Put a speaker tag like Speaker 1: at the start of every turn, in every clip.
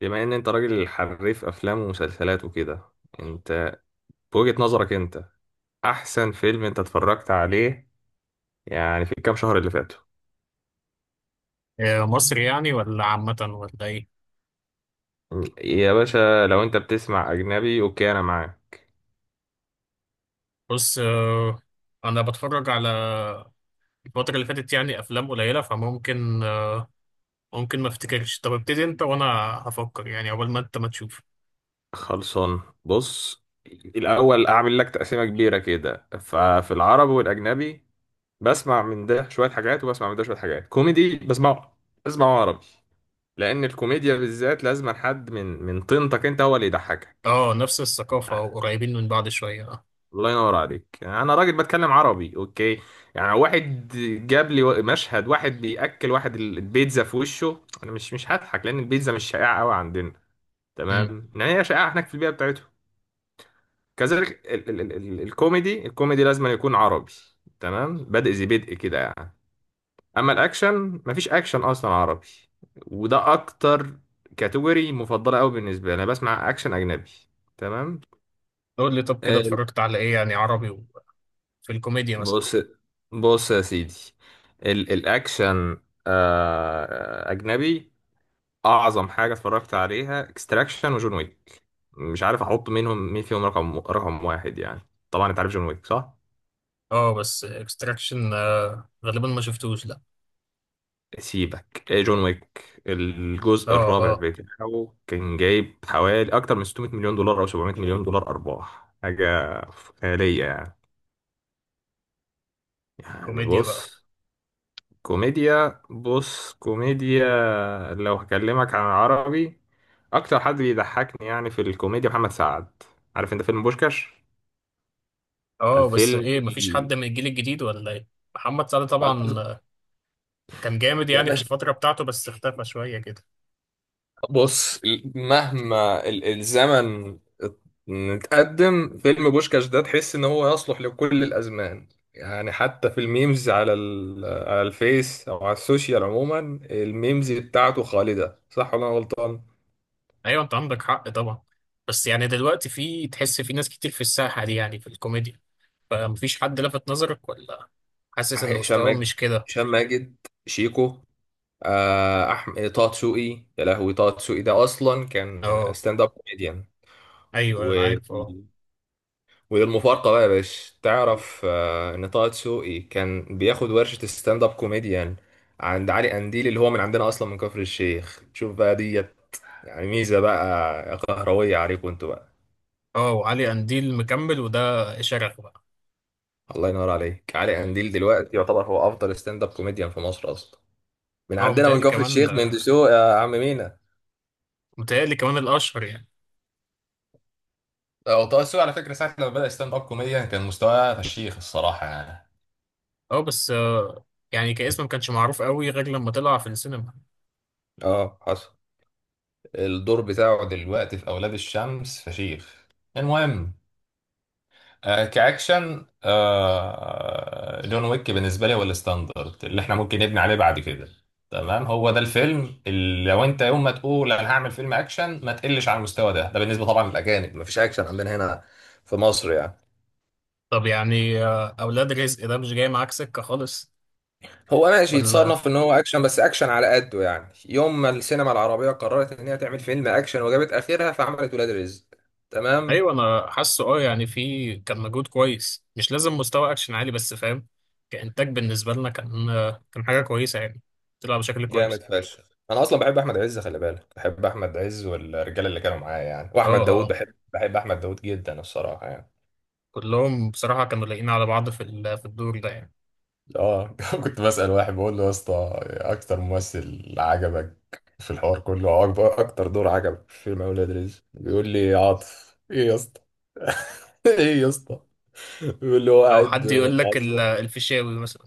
Speaker 1: بما ان انت راجل حريف افلام ومسلسلات وكده، انت بوجهة نظرك انت، احسن فيلم انت اتفرجت عليه، يعني في الكام شهر اللي فاتوا؟
Speaker 2: آه، مصري يعني ولا عامة ولا إيه؟
Speaker 1: يا باشا، لو انت بتسمع اجنبي اوكي انا معاك.
Speaker 2: بص آه، أنا بتفرج على الفترة اللي فاتت يعني أفلام قليلة فممكن ممكن ما أفتكرش. طب ابتدي أنت وأنا هفكر، يعني عقبال ما أنت ما تشوف.
Speaker 1: خلصان، بص، الاول اعمل لك تقسيمة كبيرة كده، ففي العربي والاجنبي، بسمع من ده شوية حاجات وبسمع من ده شوية حاجات. كوميدي بسمعه عربي، لان الكوميديا بالذات لازم حد من طينتك انت هو اللي يضحكك.
Speaker 2: أه، نفس الثقافة أو قريبين من بعض شوية أه.
Speaker 1: الله ينور عليك. انا راجل بتكلم عربي، اوكي؟ يعني واحد جاب لي مشهد واحد بياكل واحد البيتزا في وشه، انا مش هضحك لان البيتزا مش شائعه قوي عندنا،
Speaker 2: أمم.
Speaker 1: تمام؟ يعني هي شائعه هناك في البيئه بتاعته. كذلك ال ال ال ال الكوميدي الكوميدي لازم أن يكون عربي، تمام؟ بدء ذي بدء كده يعني. اما الاكشن، مفيش اكشن اصلا عربي، وده اكتر كاتيجوري مفضله قوي بالنسبه لي. انا بسمع اكشن اجنبي، تمام.
Speaker 2: قول لي طب، كده
Speaker 1: آه،
Speaker 2: اتفرجت على إيه يعني عربي؟ وفي الكوميديا مثلا؟
Speaker 1: بص، بص يا سيدي، الاكشن اجنبي. اعظم حاجه اتفرجت عليها اكستراكشن وجون ويك. مش عارف احط منهم مين فيهم رقم واحد يعني. طبعا انت عارف جون ويك، صح؟
Speaker 2: أه، بس إكستراكشن غالبا ما شفتوش، لأ.
Speaker 1: سيبك، إيه جون ويك.
Speaker 2: أه
Speaker 1: الجزء الرابع
Speaker 2: أه.
Speaker 1: بتاعه كان جايب حوالي اكتر من 600 مليون دولار او 700 مليون دولار ارباح، حاجه خياليه يعني. يعني
Speaker 2: كوميديا بقى.
Speaker 1: بص، كوميديا، بص كوميديا، لو هكلمك عن العربي، اكتر حد بيضحكني يعني في الكوميديا محمد سعد. عارف انت فيلم بوشكاش؟
Speaker 2: أه، بس
Speaker 1: الفيلم
Speaker 2: إيه؟ مفيش حد من الجيل الجديد ولا إيه؟ محمد سعد طبعا كان جامد
Speaker 1: يا
Speaker 2: يعني في
Speaker 1: باشا،
Speaker 2: الفترة بتاعته، بس اختفى شوية كده.
Speaker 1: بص، مهما الزمن اتقدم، فيلم بوشكاش ده تحس ان هو يصلح لكل الازمان. يعني حتى في الميمز على على الفيس او على السوشيال عموما، الميمز بتاعته خالدة، صح ولا انا غلطان؟
Speaker 2: أيوة، أنت عندك حق طبعا. بس يعني دلوقتي في، تحس في ناس كتير في الساحة دي يعني في الكوميديا، فمفيش حد لفت نظرك؟ ولا حاسس إن
Speaker 1: هشام
Speaker 2: مستواهم
Speaker 1: ماجد
Speaker 2: مش كده؟
Speaker 1: هشام ماجد شيكو، احمد طه دسوقي، يا لهوي، طه دسوقي ده اصلا كان
Speaker 2: أه،
Speaker 1: ستاند اب كوميديان.
Speaker 2: أيوة
Speaker 1: و
Speaker 2: أنا عارف، أه.
Speaker 1: والمفارقه بقى يا باشا، تعرف ان طه دسوقي كان بياخد ورشه ستاند اب كوميديان عند علي قنديل، اللي هو من عندنا اصلا من كفر الشيخ. شوف بقى ديت، يعني ميزه بقى قهرويه عليكم انتوا بقى.
Speaker 2: أه، وعلي قنديل مكمل، وده شرف بقى.
Speaker 1: الله ينور عليك. علي قنديل دلوقتي يعتبر هو افضل ستاند اب كوميديان في مصر اصلا، من
Speaker 2: أه،
Speaker 1: عندنا من
Speaker 2: متهيألي
Speaker 1: كفر
Speaker 2: كمان،
Speaker 1: الشيخ، من دسوق يا عم مينا.
Speaker 2: متهيألي كمان الأشهر يعني.
Speaker 1: هو طه السوقي على فكرة ساعة لما بدأ ستاند اب كوميديان كان مستواه فشيخ الصراحة يعني.
Speaker 2: أه، بس يعني كاسم ما كانش معروف قوي غير لما طلع في السينما.
Speaker 1: اه حصل. الدور بتاعه دلوقتي في أولاد الشمس فشيخ. المهم، كأكشن، جون ويك بالنسبة لي هو الستاندرد اللي احنا ممكن نبني عليه بعد كده، تمام. هو ده الفيلم اللي لو انت يوم ما تقول انا هعمل فيلم اكشن ما تقلش على المستوى ده. ده بالنسبة طبعا للأجانب، مفيش اكشن عندنا هنا في مصر يعني.
Speaker 2: طب يعني أولاد رزق ده مش جاي معاك سكة خالص
Speaker 1: هو ماشي
Speaker 2: ولا؟
Speaker 1: يتصنف ان هو اكشن بس اكشن على قده. يعني يوم ما السينما العربيه قررت ان هي تعمل فيلم اكشن وجابت اخرها، فعملت ولاد رزق، تمام.
Speaker 2: ايوه، انا حاسه اه، يعني في كان مجهود كويس، مش لازم مستوى اكشن عالي، بس فاهم، كانتاج بالنسبه لنا كان، كان حاجه كويسه يعني، طلع بشكل كويس.
Speaker 1: جامد فشخ. انا اصلا بحب احمد عز، خلي بالك، بحب احمد عز والرجاله اللي كانوا معايا يعني،
Speaker 2: اه
Speaker 1: واحمد
Speaker 2: اه
Speaker 1: داوود،
Speaker 2: آه.
Speaker 1: بحب احمد داوود جدا الصراحه يعني.
Speaker 2: كلهم بصراحه كانوا لايقين على بعض في في الدور ده يعني.
Speaker 1: اه كنت بسأل واحد بقول له: يا اسطى، اكتر ممثل عجبك في الحوار كله، او اكبر اكتر دور عجبك في فيلم اولاد رزق؟ بيقول لي: عاطف. ايه يا اسطى؟ ايه يا اسطى، اللي هو
Speaker 2: او
Speaker 1: قاعد
Speaker 2: حد يقول لك
Speaker 1: معظم
Speaker 2: الفيشاوي مثلا.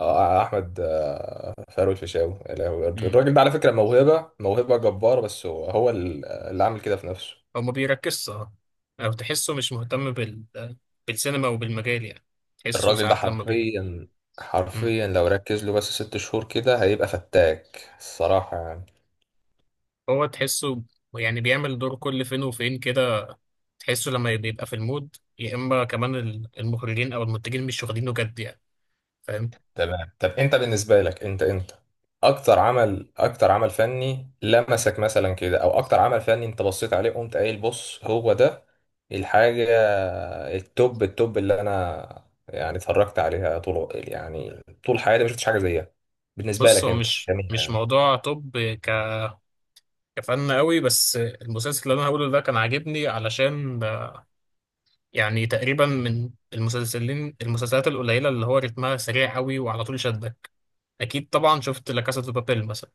Speaker 1: آه، احمد آه، فاروق الفيشاوي، يا لهوي.
Speaker 2: امم،
Speaker 1: الراجل ده على فكره موهبه، موهبه جباره بس هو اللي عامل كده في نفسه.
Speaker 2: هو ما بيركزش، اه. او تحسه مش مهتم بال، بالسينما وبالمجال يعني. تحسه
Speaker 1: الراجل ده
Speaker 2: ساعات لما بي،
Speaker 1: حرفيا،
Speaker 2: مم.
Speaker 1: حرفيا لو ركز له بس 6 شهور كده هيبقى فتاك الصراحه يعني.
Speaker 2: هو تحسه يعني بيعمل دور كل فين وفين كده. تحسه لما يبقى في المود، يا اما كمان المخرجين او المنتجين مش واخدينه جد يعني، فاهم.
Speaker 1: تمام، طب انت بالنسبه لك، انت اكتر عمل فني لمسك مثلا كده، او اكتر عمل فني انت بصيت عليه قمت قايل: بص، هو ده الحاجه التوب، التوب اللي انا يعني اتفرجت عليها طول يعني طول حياتي ما شفتش حاجه زيها، بالنسبه
Speaker 2: بص،
Speaker 1: لك
Speaker 2: هو
Speaker 1: انت،
Speaker 2: مش
Speaker 1: جميله
Speaker 2: مش
Speaker 1: يعني.
Speaker 2: موضوع طب، ك- كفن قوي. بس المسلسل اللي انا هقوله ده كان عاجبني علشان يعني تقريبا من المسلسلات القليله اللي هو رتمها سريع قوي وعلى طول شدك. اكيد طبعا شفت لا كاسا دي بابيل مثلا.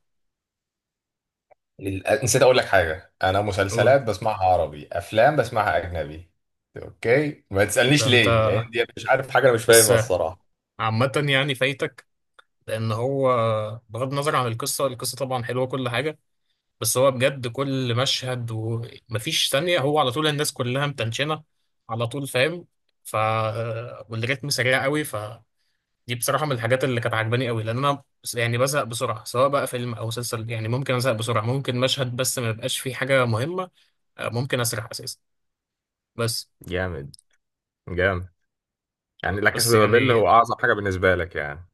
Speaker 1: نسيت اقول لك حاجه: انا
Speaker 2: قول.
Speaker 1: مسلسلات بسمعها عربي، افلام بسمعها اجنبي. اوكي، ما
Speaker 2: ده
Speaker 1: تسالنيش
Speaker 2: انت،
Speaker 1: ليه، لان دي مش عارف حاجه انا مش
Speaker 2: بس،
Speaker 1: فاهمها الصراحه.
Speaker 2: عامه يعني فايتك، لان هو، بغض النظر عن القصه، القصه طبعا حلوه كل حاجه، بس هو بجد كل مشهد ومفيش ثانية، هو على طول الناس كلها متنشنة على طول، فاهم. ف، والريتم سريع قوي، فدي بصراحة من الحاجات اللي كانت عجباني قوي، لأن أنا يعني بزهق بسرعة، سواء بقى فيلم أو مسلسل يعني ممكن أزهق بسرعة، ممكن مشهد بس ما يبقاش فيه حاجة مهمة، آه، ممكن أسرح أساسا بس.
Speaker 1: جامد جامد، يعني لا كاسا
Speaker 2: بس
Speaker 1: دي بابيل
Speaker 2: يعني
Speaker 1: هو اعظم حاجه بالنسبه لك يعني؟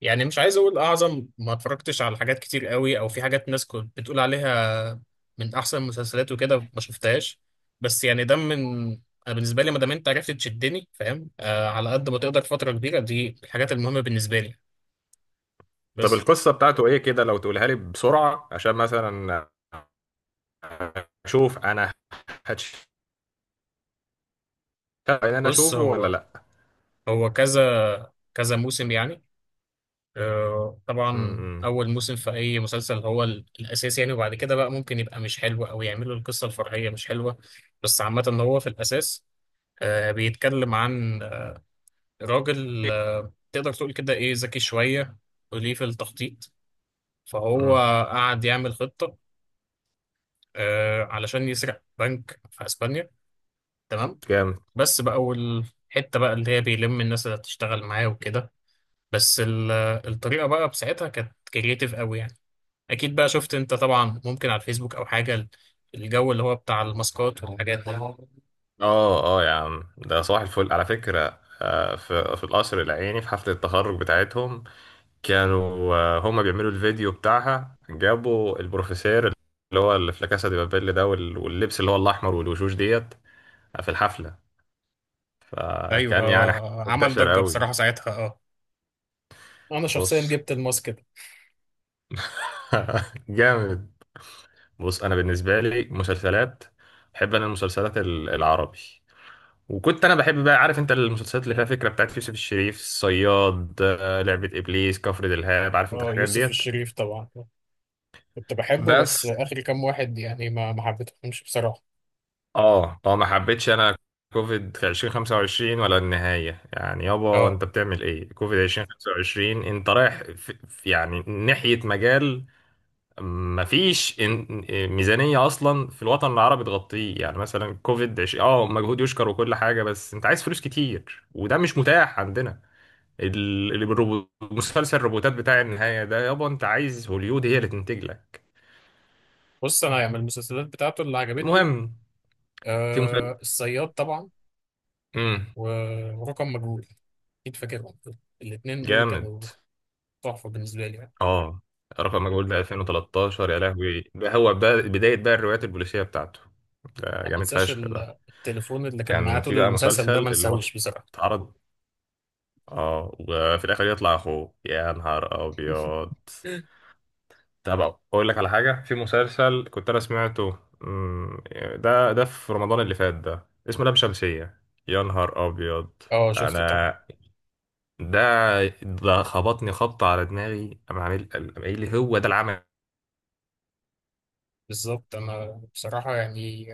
Speaker 2: يعني مش عايز اقول اعظم، ما اتفرجتش على حاجات كتير قوي، او في حاجات ناس كنت بتقول عليها من احسن المسلسلات وكده ما شفتهاش. بس يعني ده من، انا بالنسبه لي ما دام انت عرفت تشدني، فاهم، آه، على قد ما تقدر فتره كبيره، دي الحاجات المهمه بالنسبه لي،
Speaker 1: طب
Speaker 2: بس.
Speaker 1: القصه بتاعته ايه كده لو تقولها لي بسرعه، عشان مثلا اشوف انا، هتشتغل ان انا
Speaker 2: بص،
Speaker 1: اشوفه ولا
Speaker 2: هو
Speaker 1: لا.
Speaker 2: هو كذا كذا موسم يعني. آه طبعا،
Speaker 1: امم
Speaker 2: اول موسم في اي مسلسل هو الاساس يعني، وبعد كده بقى ممكن يبقى مش حلو او يعملوا القصه الفرعيه مش حلوه. بس عامه هو في الاساس آه، بيتكلم عن راجل آه، تقدر تقول كده ايه، ذكي شوية وليه في التخطيط، فهو
Speaker 1: امم
Speaker 2: قعد يعمل خطة آه، علشان يسرق بنك في اسبانيا، تمام.
Speaker 1: جامد
Speaker 2: بس بقى، والحتة بقى اللي هي بيلم الناس اللي هتشتغل معاه وكده، بس الطريقة بقى بساعتها كانت كرييتيف قوي يعني. اكيد بقى شفت انت طبعا، ممكن على الفيسبوك او حاجة، الجو اللي هو بتاع الماسكات والحاجات دي.
Speaker 1: اه اه، يا عم، ده صباح الفل على فكره، في القصر العيني في حفله التخرج بتاعتهم، كانوا هما بيعملوا الفيديو بتاعها، جابوا البروفيسير اللي هو اللي في لا كاسا دي بابيل ده، واللبس اللي هو الاحمر والوشوش ديت في الحفله.
Speaker 2: ايوه
Speaker 1: كان يعني
Speaker 2: آه، عمل
Speaker 1: منتشر
Speaker 2: ضجة
Speaker 1: قوي.
Speaker 2: بصراحة ساعتها، اه، انا شخصيا
Speaker 1: بص
Speaker 2: جبت الماسك ده.
Speaker 1: جامد. بص انا بالنسبه لي مسلسلات، بحب انا المسلسلات العربي. وكنت انا بحب بقى، عارف انت المسلسلات اللي فيها فكره بتاعت يوسف الشريف، الصياد، لعبه ابليس، كفر دلهاب، عارف انت
Speaker 2: اه،
Speaker 1: الحاجات
Speaker 2: يوسف
Speaker 1: ديت.
Speaker 2: الشريف طبعا كنت بحبه، بس
Speaker 1: بس
Speaker 2: اخر كام واحد يعني ما حبيتهمش بصراحه.
Speaker 1: اه اه ما حبيتش انا كوفيد في 2025 ولا النهايه يعني. يابا
Speaker 2: اه،
Speaker 1: انت بتعمل ايه؟ كوفيد 2025؟ انت رايح في يعني ناحيه مجال. مفيش ميزانية أصلا في الوطن العربي تغطيه، يعني مثلا كوفيد اه مجهود يشكر وكل حاجة بس أنت عايز فلوس كتير وده مش متاح عندنا. ال... مسلسل الروبوتات بتاع النهاية ده، يابا أنت عايز هوليود هي اللي تنتج لك.
Speaker 2: بص انا يعني من المسلسلات بتاعته اللي عجبتني
Speaker 1: المهم، في مسلسل،
Speaker 2: آه الصياد طبعا،
Speaker 1: امم
Speaker 2: و- ورقم مجهول، اكيد فاكرهم. الاثنين دول
Speaker 1: جامد،
Speaker 2: كانوا تحفه بالنسبه لي يعني.
Speaker 1: اه. رقم مجهول ده 2013 يا لهوي، ده هو بداية بقى الروايات البوليسية بتاعته. ده
Speaker 2: ما
Speaker 1: جامد
Speaker 2: منساش
Speaker 1: فشخ بقى.
Speaker 2: التليفون اللي كان معاه
Speaker 1: كان في
Speaker 2: طول
Speaker 1: بقى
Speaker 2: المسلسل
Speaker 1: مسلسل
Speaker 2: ده، ما
Speaker 1: اللي هو
Speaker 2: انساهوش بصراحه.
Speaker 1: اتعرض، اه، وفي الاخر يطلع اخوه، يا نهار ابيض. طب اقول لك على حاجه، في مسلسل كنت انا سمعته، ده في رمضان اللي فات ده اسمه لام شمسيه، يا نهار ابيض.
Speaker 2: اه شفته طبعا.
Speaker 1: انا ده خبطني خبطه على دماغي، انا عامل، أنا قايل لي هو ده العمل
Speaker 2: بالظبط، انا بصراحه يعني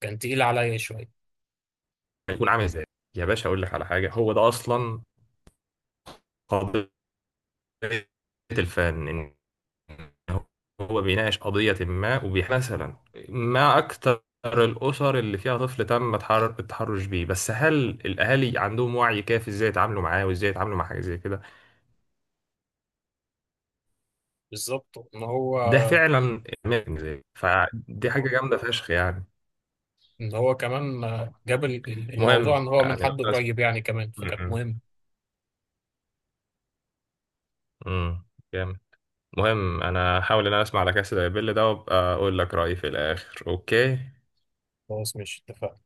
Speaker 2: كان تقيل عليا شويه.
Speaker 1: هيكون عامل ازاي. يا باشا اقول لك على حاجه، هو ده اصلا قضيه الفن. هو بيناقش قضية ما وبيح مثلا، ما أكتر الأسر اللي فيها طفل تم التحرش بيه، بس هل الأهالي عندهم وعي كافي إزاي يتعاملوا معاه وإزاي يتعاملوا مع حاجة زي كده؟
Speaker 2: بالظبط، ان هو،
Speaker 1: ده فعلا إدمان زي، فدي حاجة جامدة فشخ يعني.
Speaker 2: ان هو كمان جاب الموضوع،
Speaker 1: مهم
Speaker 2: ان هو من
Speaker 1: يعني، لو
Speaker 2: حد
Speaker 1: تسمع،
Speaker 2: قريب يعني كمان، فكانت مهمه.
Speaker 1: جامد، مهم. أنا هحاول إن أنا أسمع على كاسة بيل ده وأبقى أقول لك رأيي في الآخر، أوكي.
Speaker 2: خلاص ماشي، اتفقنا.